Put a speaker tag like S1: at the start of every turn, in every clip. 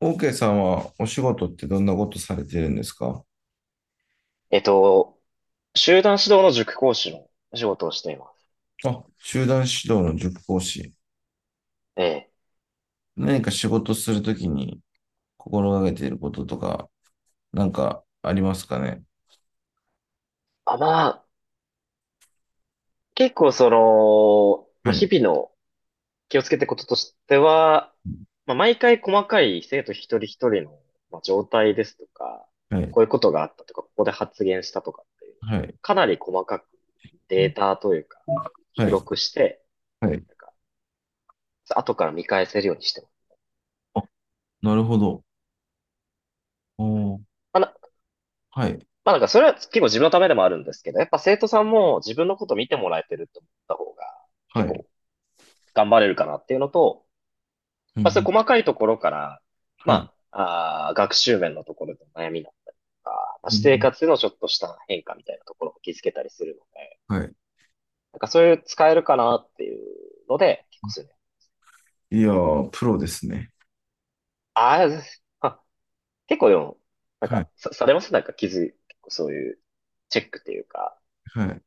S1: OK さんはお仕事ってどんなことされてるんですか？
S2: えっと、集団指導の塾講師の仕事をしています。
S1: あ、集団指導の塾講師。
S2: ええ。
S1: 何か仕事するときに心がけていることとか、なんかありますかね？
S2: あ、まあ、結構その、ま
S1: は
S2: あ、
S1: い。
S2: 日々の気をつけてることとしては、まあ、毎回細かい生徒一人一人の、まあ、状態ですとか、
S1: はい。
S2: こういうことがあったとか、ここで発言したとかっていう、
S1: はい。
S2: かなり細かくデータというか、
S1: は
S2: 記
S1: い。
S2: 録して、
S1: はい。
S2: なんか、後から見返せるようにしてます。
S1: あ、なるほど。おー、
S2: まあ、
S1: はい。
S2: なんかそれは結構自分のためでもあるんですけど、やっぱ生徒さんも自分のこと見てもらえてると思った方が、
S1: は
S2: 結
S1: い。
S2: 構頑張れるかなっていうのと、
S1: うんう
S2: まあ、そうい
S1: ん。
S2: う細かいところから、
S1: はい。
S2: まあ、学習面のところでの悩みだったりとか、まあ、
S1: うんう
S2: 私生
S1: ん。
S2: 活でのちょっとした変化みたいなところも気づけたりするので、
S1: はい。
S2: なんかそういう使えるかなっていうので、結構そういうね、
S1: いやー、プロですね。
S2: ああ、あ結構でも、なん
S1: はい。
S2: かさ、されますなんか気づい、結構そういうチェックっていうか、
S1: はい。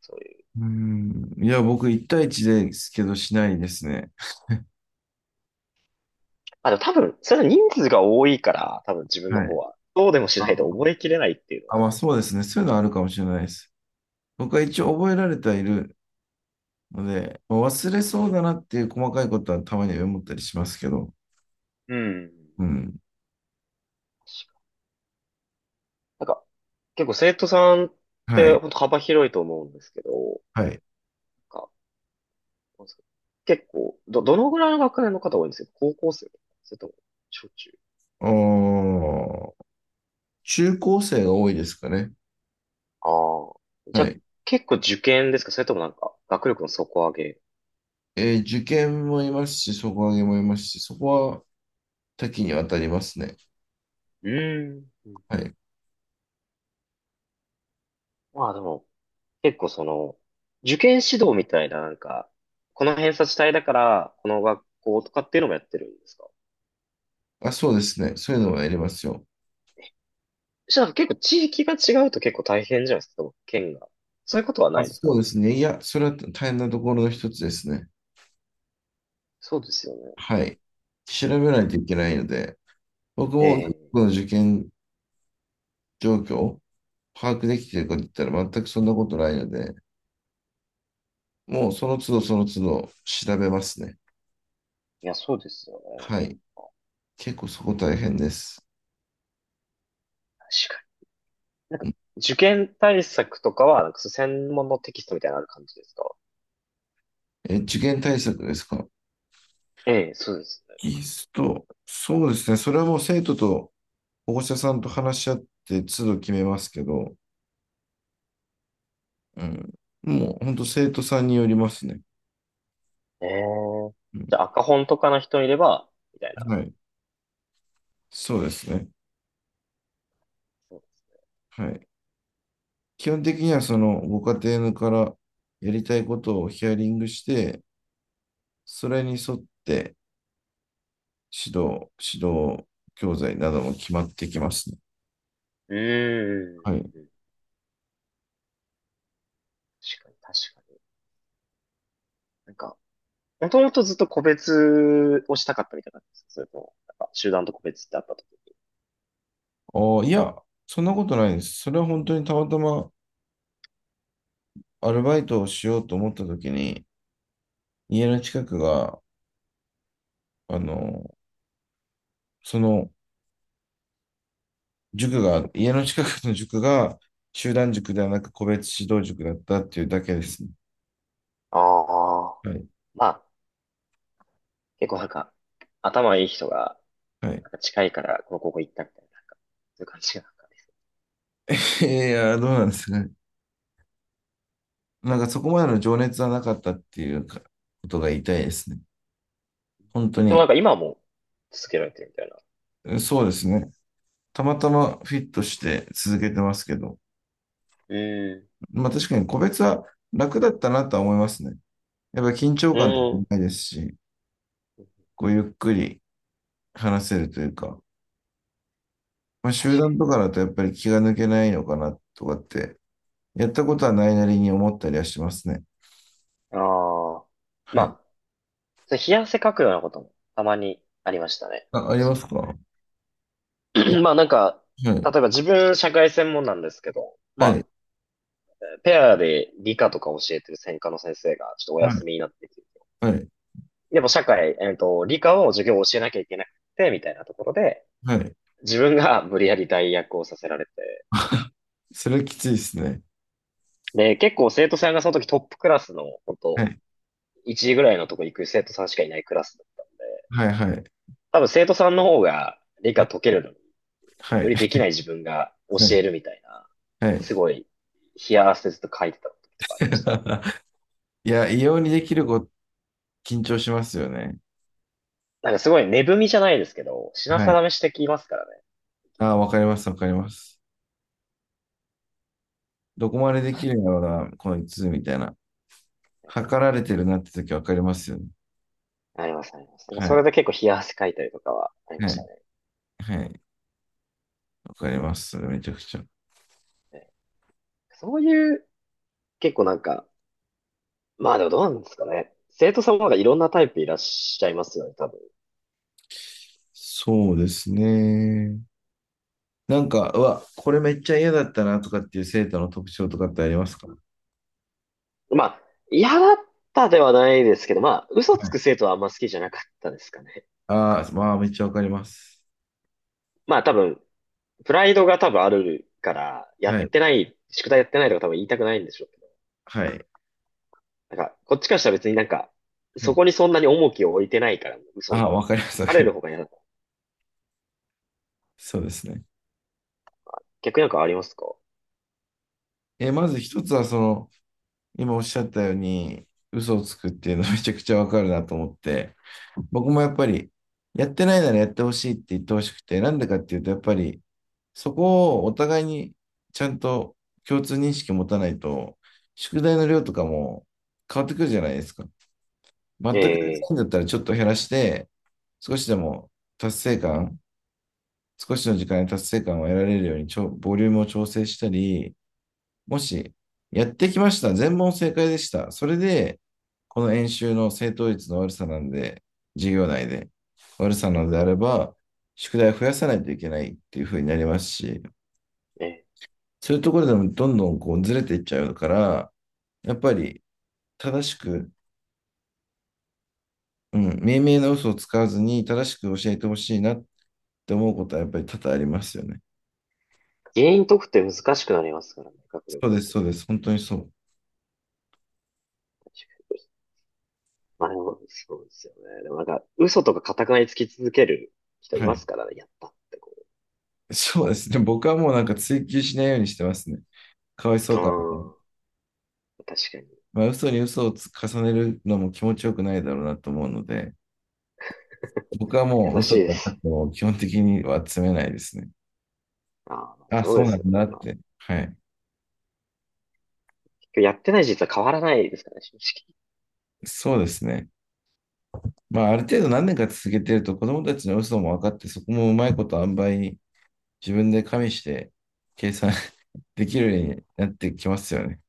S2: そういう。
S1: うーん。いや、僕、1対1ですけど、しないですね。
S2: あ、でも多分、それは人数が多いから、多分自分
S1: は
S2: の方
S1: い。
S2: は、どうでもしないと覚えきれないっていうの
S1: あ、
S2: が多
S1: ま
S2: 分
S1: あ
S2: あると
S1: そうですね。そういうのはあるかもしれないです。僕は一応覚えられてはいるので、まあ忘れそうだなっていう細かいことはたまには思ったりしますけど。
S2: 思う。うん。
S1: うん。
S2: なんか、結構生徒さんっ
S1: は
S2: て
S1: い。
S2: 本当幅広いと思うんですけど、な
S1: はい。
S2: んか、なんですか結構、どのぐらいの学年の方多いんですか？高校生それとも、小中？
S1: おー、中高生が多いですかね。
S2: ああ、じゃ
S1: は
S2: あ、
S1: い。
S2: 結構受験ですか？それともなんか、学力の底上げ？
S1: えー、受験もいますし、底上げもいますし、そこは多岐にわたりますね。
S2: うーん。うん。
S1: はい。
S2: まあでも、結構その、受験指導みたいななんか、この偏差値帯だから、この学校とかっていうのもやってるんですか？
S1: あ、そうですね。そういうのはやりますよ。
S2: そしたら結構地域が違うと結構大変じゃないですか？県が。そういうことはな
S1: あ、
S2: いですか
S1: そう
S2: ね？
S1: ですね。いや、それは大変なところの一つですね。
S2: そうですよね。っ
S1: は
S2: て、
S1: い。調べないといけないので、僕も僕
S2: ええ、
S1: の受験状況を把握できているかといったら全くそんなことないので、もうその都度その都度調べますね。
S2: いや、そうですよね。
S1: はい。結構そこ大変です。
S2: 確かに。なんか、受験対策とかは、なんかそう専門のテキストみたいなのある感じですか？
S1: え、受験対策ですか？
S2: ええ、そうですね。
S1: 技スト、そうですね。それはもう生徒と保護者さんと話し合って都度決めますけど、うん。もう本当生徒さんによりますね。
S2: ええ。
S1: う
S2: じ
S1: ん。
S2: ゃあ、赤本とかの人いれば、みたいな。
S1: はい。そうですね。
S2: そう、
S1: はい。基本的にはそのご家庭からやりたいことをヒアリングして、それに沿って指導教材なども決まってきますね。
S2: うー
S1: はい。
S2: ん。確かに、確かに。なんか、もともとずっと個別をしたかったみたいな感ですか？それとも、なんか集団と個別ってあった時。
S1: ああ、いや、そんなことないです。それは本当にたまたまアルバイトをしようと思った時に、家の近くが、あの、その塾が、家の近くの塾が集団塾ではなく個別指導塾だったっていうだけですね。
S2: ああ。
S1: はい。
S2: まあ、結構なんか、頭いい人が、
S1: はい。
S2: なんか近いから、この高校行ったみたいな、なんか、そういう感じが。
S1: いや、どうなんですかね。なんかそこまでの情熱はなかったっていうかことが言いたいですね。本当
S2: でもな
S1: に。
S2: んか今も続けられてるみたいな。
S1: そうですね。たまたまフィットして続けてますけど。
S2: うん
S1: まあ確かに個別は楽だったなとは思いますね。やっぱ緊張
S2: う
S1: 感とか
S2: ん。
S1: もないですし、こうゆっくり話せるというか、まあ、
S2: 確
S1: 集団
S2: か
S1: とかだとやっぱり気が抜けないのかなとかって、やったことはないなりに思ったりはしますね。
S2: にああ。に。
S1: は
S2: ま
S1: い。
S2: あ、それ冷や汗かくようなこともたまにありましたね、
S1: あ、ありま
S2: 昔。
S1: すか？え、
S2: まあなんか、
S1: は
S2: 例
S1: い、
S2: えば自分社会専門なんですけど、ま
S1: は
S2: あ、
S1: い、
S2: ペアで理科とか教えてる専科の先生がちょっとお
S1: は
S2: 休
S1: い、
S2: みになってきて、
S1: はい、
S2: でも社会、理科を授業を教えなきゃいけなくて、みたいなところで、
S1: はい。
S2: 自分が無理やり代役をさせられて、
S1: それきついですね。
S2: で、結構生徒さんがその時トップクラスの、本
S1: は
S2: 当
S1: い、
S2: 1時ぐらいのとこ行く生徒さんしかいないクラスだったんで、
S1: はい、はい、
S2: 多分生徒さんの方が理
S1: は
S2: 科
S1: い、
S2: 解けるのに、よりできない自分が
S1: は
S2: 教
S1: い、
S2: えるみたいな、
S1: はい。
S2: すごい、冷や汗ずっと書いてた時とかありましたね。
S1: いや、異様にできる子、緊張しますよね。
S2: なんかすごい根踏みじゃないですけど、品
S1: はい。
S2: 定めしてきますからね。
S1: あ、わかります、わかります。どこまでできるんだろうな、こいつ、みたいな。測られてるなって時わかりますよね。
S2: ありますあります。だから
S1: は
S2: それ
S1: い、
S2: で結構冷や汗かいたりとかはありま
S1: は
S2: した
S1: い、
S2: ね。
S1: はい。わかります。それめちゃくちゃ。
S2: ね、そういう、結構なんか、まあでもどうなんですかね。生徒さんもなんかいろんなタイプいらっしゃいますよね、多分。
S1: そうですね。なんか、うわ、これめっちゃ嫌だったなとかっていう生徒の特徴とかってありますか？
S2: まあ、嫌だったではないですけど、まあ、嘘
S1: は
S2: つ
S1: い。
S2: く生徒はあんま好きじゃなかったですかね。
S1: ああ、まあ、めっちゃわかります。
S2: まあ、多分、プライドが多分あるから、や
S1: は
S2: っ
S1: い、
S2: てない、宿題やってないとか多分言いたくないんでしょうけど。
S1: はい、
S2: なんか、こっちからしたら別になんか、
S1: は
S2: そ
S1: い。
S2: こにそんなに重きを置いてないから、
S1: あ
S2: 嘘、
S1: あ、わかります、わ
S2: 疲
S1: かり
S2: れ
S1: ま
S2: る方が
S1: す。
S2: 嫌だ。
S1: そうですね。
S2: 逆になんかありますか？
S1: え、まず一つは、その、今おっしゃったように、嘘をつくっていうのめちゃくちゃわかるなと思って、僕もやっぱり、やってないならやってほしいって言ってほしくて、なんでかっていうと、やっぱり、そこをお互いにちゃんと共通認識持たないと、宿題の量とかも変わってくるじゃないですか。全くできな
S2: え
S1: いん
S2: え
S1: だったらちょっと減らして、少しでも達成感、少しの時間に達成感を得られるようにボリュームを調整したり、もし、やってきました。全問正解でした。それで、この演習の正答率の悪さなんで、授業内で悪さなのであれば、宿題を増やさないといけないっていう風になりますし、
S2: ええ、
S1: そういうところでもどんどんこうずれていっちゃうから、やっぱり正しく、うん、明明な嘘を使わずに正しく教えてほしいなって思うことはやっぱり多々ありますよね。
S2: 原因解くって難しくなりますからね、学力。
S1: そうです、そうです。本当にそう。
S2: まあでも、そうですよね。でもなんか、嘘とか固くなりつき続ける人い
S1: は
S2: ま
S1: い。
S2: すからね、やったってこ
S1: そうですね。僕はもうなんか追求しないようにしてますね。かわいそうかなと思っ。
S2: う。うん、確かに。
S1: まあ、嘘に嘘をつ重ねるのも気持ちよくないだろうなと思うので、僕は
S2: 優
S1: もう
S2: しい
S1: 嘘
S2: で
S1: とか
S2: す。
S1: を基本的には詰めないですね。
S2: ああ、
S1: あ、
S2: そう
S1: そ
S2: で
S1: うな
S2: すよ
S1: んだ
S2: ね。
S1: っ
S2: まあ、
S1: て。はい。
S2: 結局やってない実は変わらないですからね、正直。
S1: そうですね。まあ、ある程度何年か続けてると子供たちの嘘も分かって、そこもうまいこと塩梅に自分で加味して計算 できるようになってきますよね。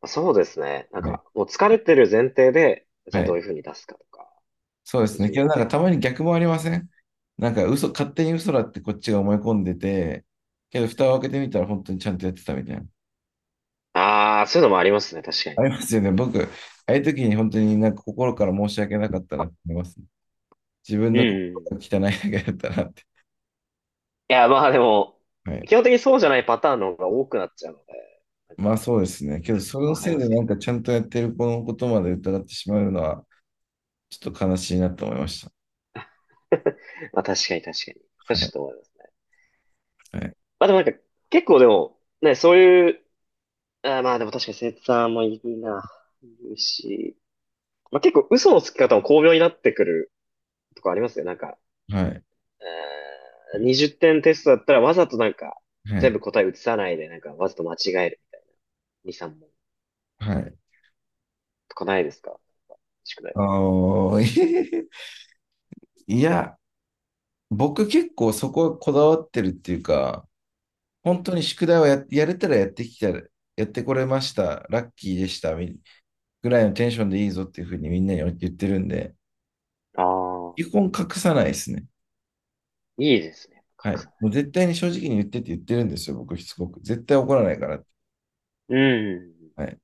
S2: まあ、そうですね。なん
S1: はい。
S2: か、もう疲れてる前提で、じゃ
S1: は
S2: あどう
S1: い。
S2: いうふうに出すかとか、
S1: そうで
S2: どう
S1: すね。け
S2: いう
S1: ど
S2: ふう
S1: なん
S2: に。
S1: かたまに逆もありません？なんか嘘、勝手に嘘だってこっちが思い込んでて、けど蓋を開けてみたら本当にちゃんとやってたみたいな。
S2: ああ、そういうのもありますね、確かに。
S1: ありますよね。僕、ああいう時に本当になんか心から申し訳なかったなって思いますね。自分
S2: うん
S1: の心
S2: うんう
S1: が
S2: ん。い
S1: 汚いだけだったなって。
S2: や、まあでも、
S1: はい。
S2: 基本的にそうじゃないパターンの方が多くなっちゃうので、なん
S1: ま
S2: か、
S1: あそうですね。けど、そ
S2: わ
S1: の
S2: かり
S1: せい
S2: ま
S1: で
S2: すけ
S1: な
S2: ど。
S1: んかちゃんとやってる子のことまで疑ってしまうのは、ちょっと悲しいなと思いました。
S2: まあ確かに確かに。そう
S1: は
S2: ちょっ
S1: い。
S2: と思いますね。
S1: はい。
S2: まあでもなんか、結構でも、ね、そういう、まあでも確かに生徒さんもいるな。いるし、まあ、結構嘘のつき方も巧妙になってくるとこありますよ。なんか、
S1: はい。
S2: えー20点テストだったらわざとなんか、
S1: は
S2: 全
S1: い。
S2: 部答え移さないで、なんかわざと間違える。2、3問
S1: はい、
S2: とかないですか？宿題
S1: あ
S2: とか。
S1: ー。 いや、僕結構そこはこだわってるっていうか、
S2: うんう
S1: 本当
S2: ん、
S1: に宿題をや、やれたらやってきた、やってこれました、ラッキーでした、みぐらいのテンションでいいぞっていうふうにみんなに言ってるんで、
S2: ああ、
S1: 基本隠さないですね。
S2: いいですね。
S1: はい。
S2: 格差。
S1: もう絶対に正直に言ってって言ってるんですよ、僕しつこく。絶対怒らないからって。
S2: うんうんうん。
S1: はい。だか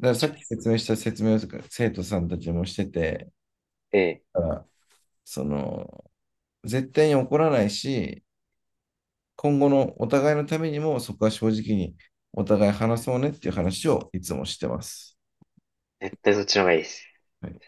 S1: らさ
S2: い
S1: っ
S2: い、
S1: き説明した説明を生徒さんたちもしてて、
S2: え
S1: だからその、絶対に怒らないし、今後のお互いのためにもそこは正直にお互い話そうねっていう話をいつもしてます。
S2: え、絶対そっちの方がいいです。
S1: はい。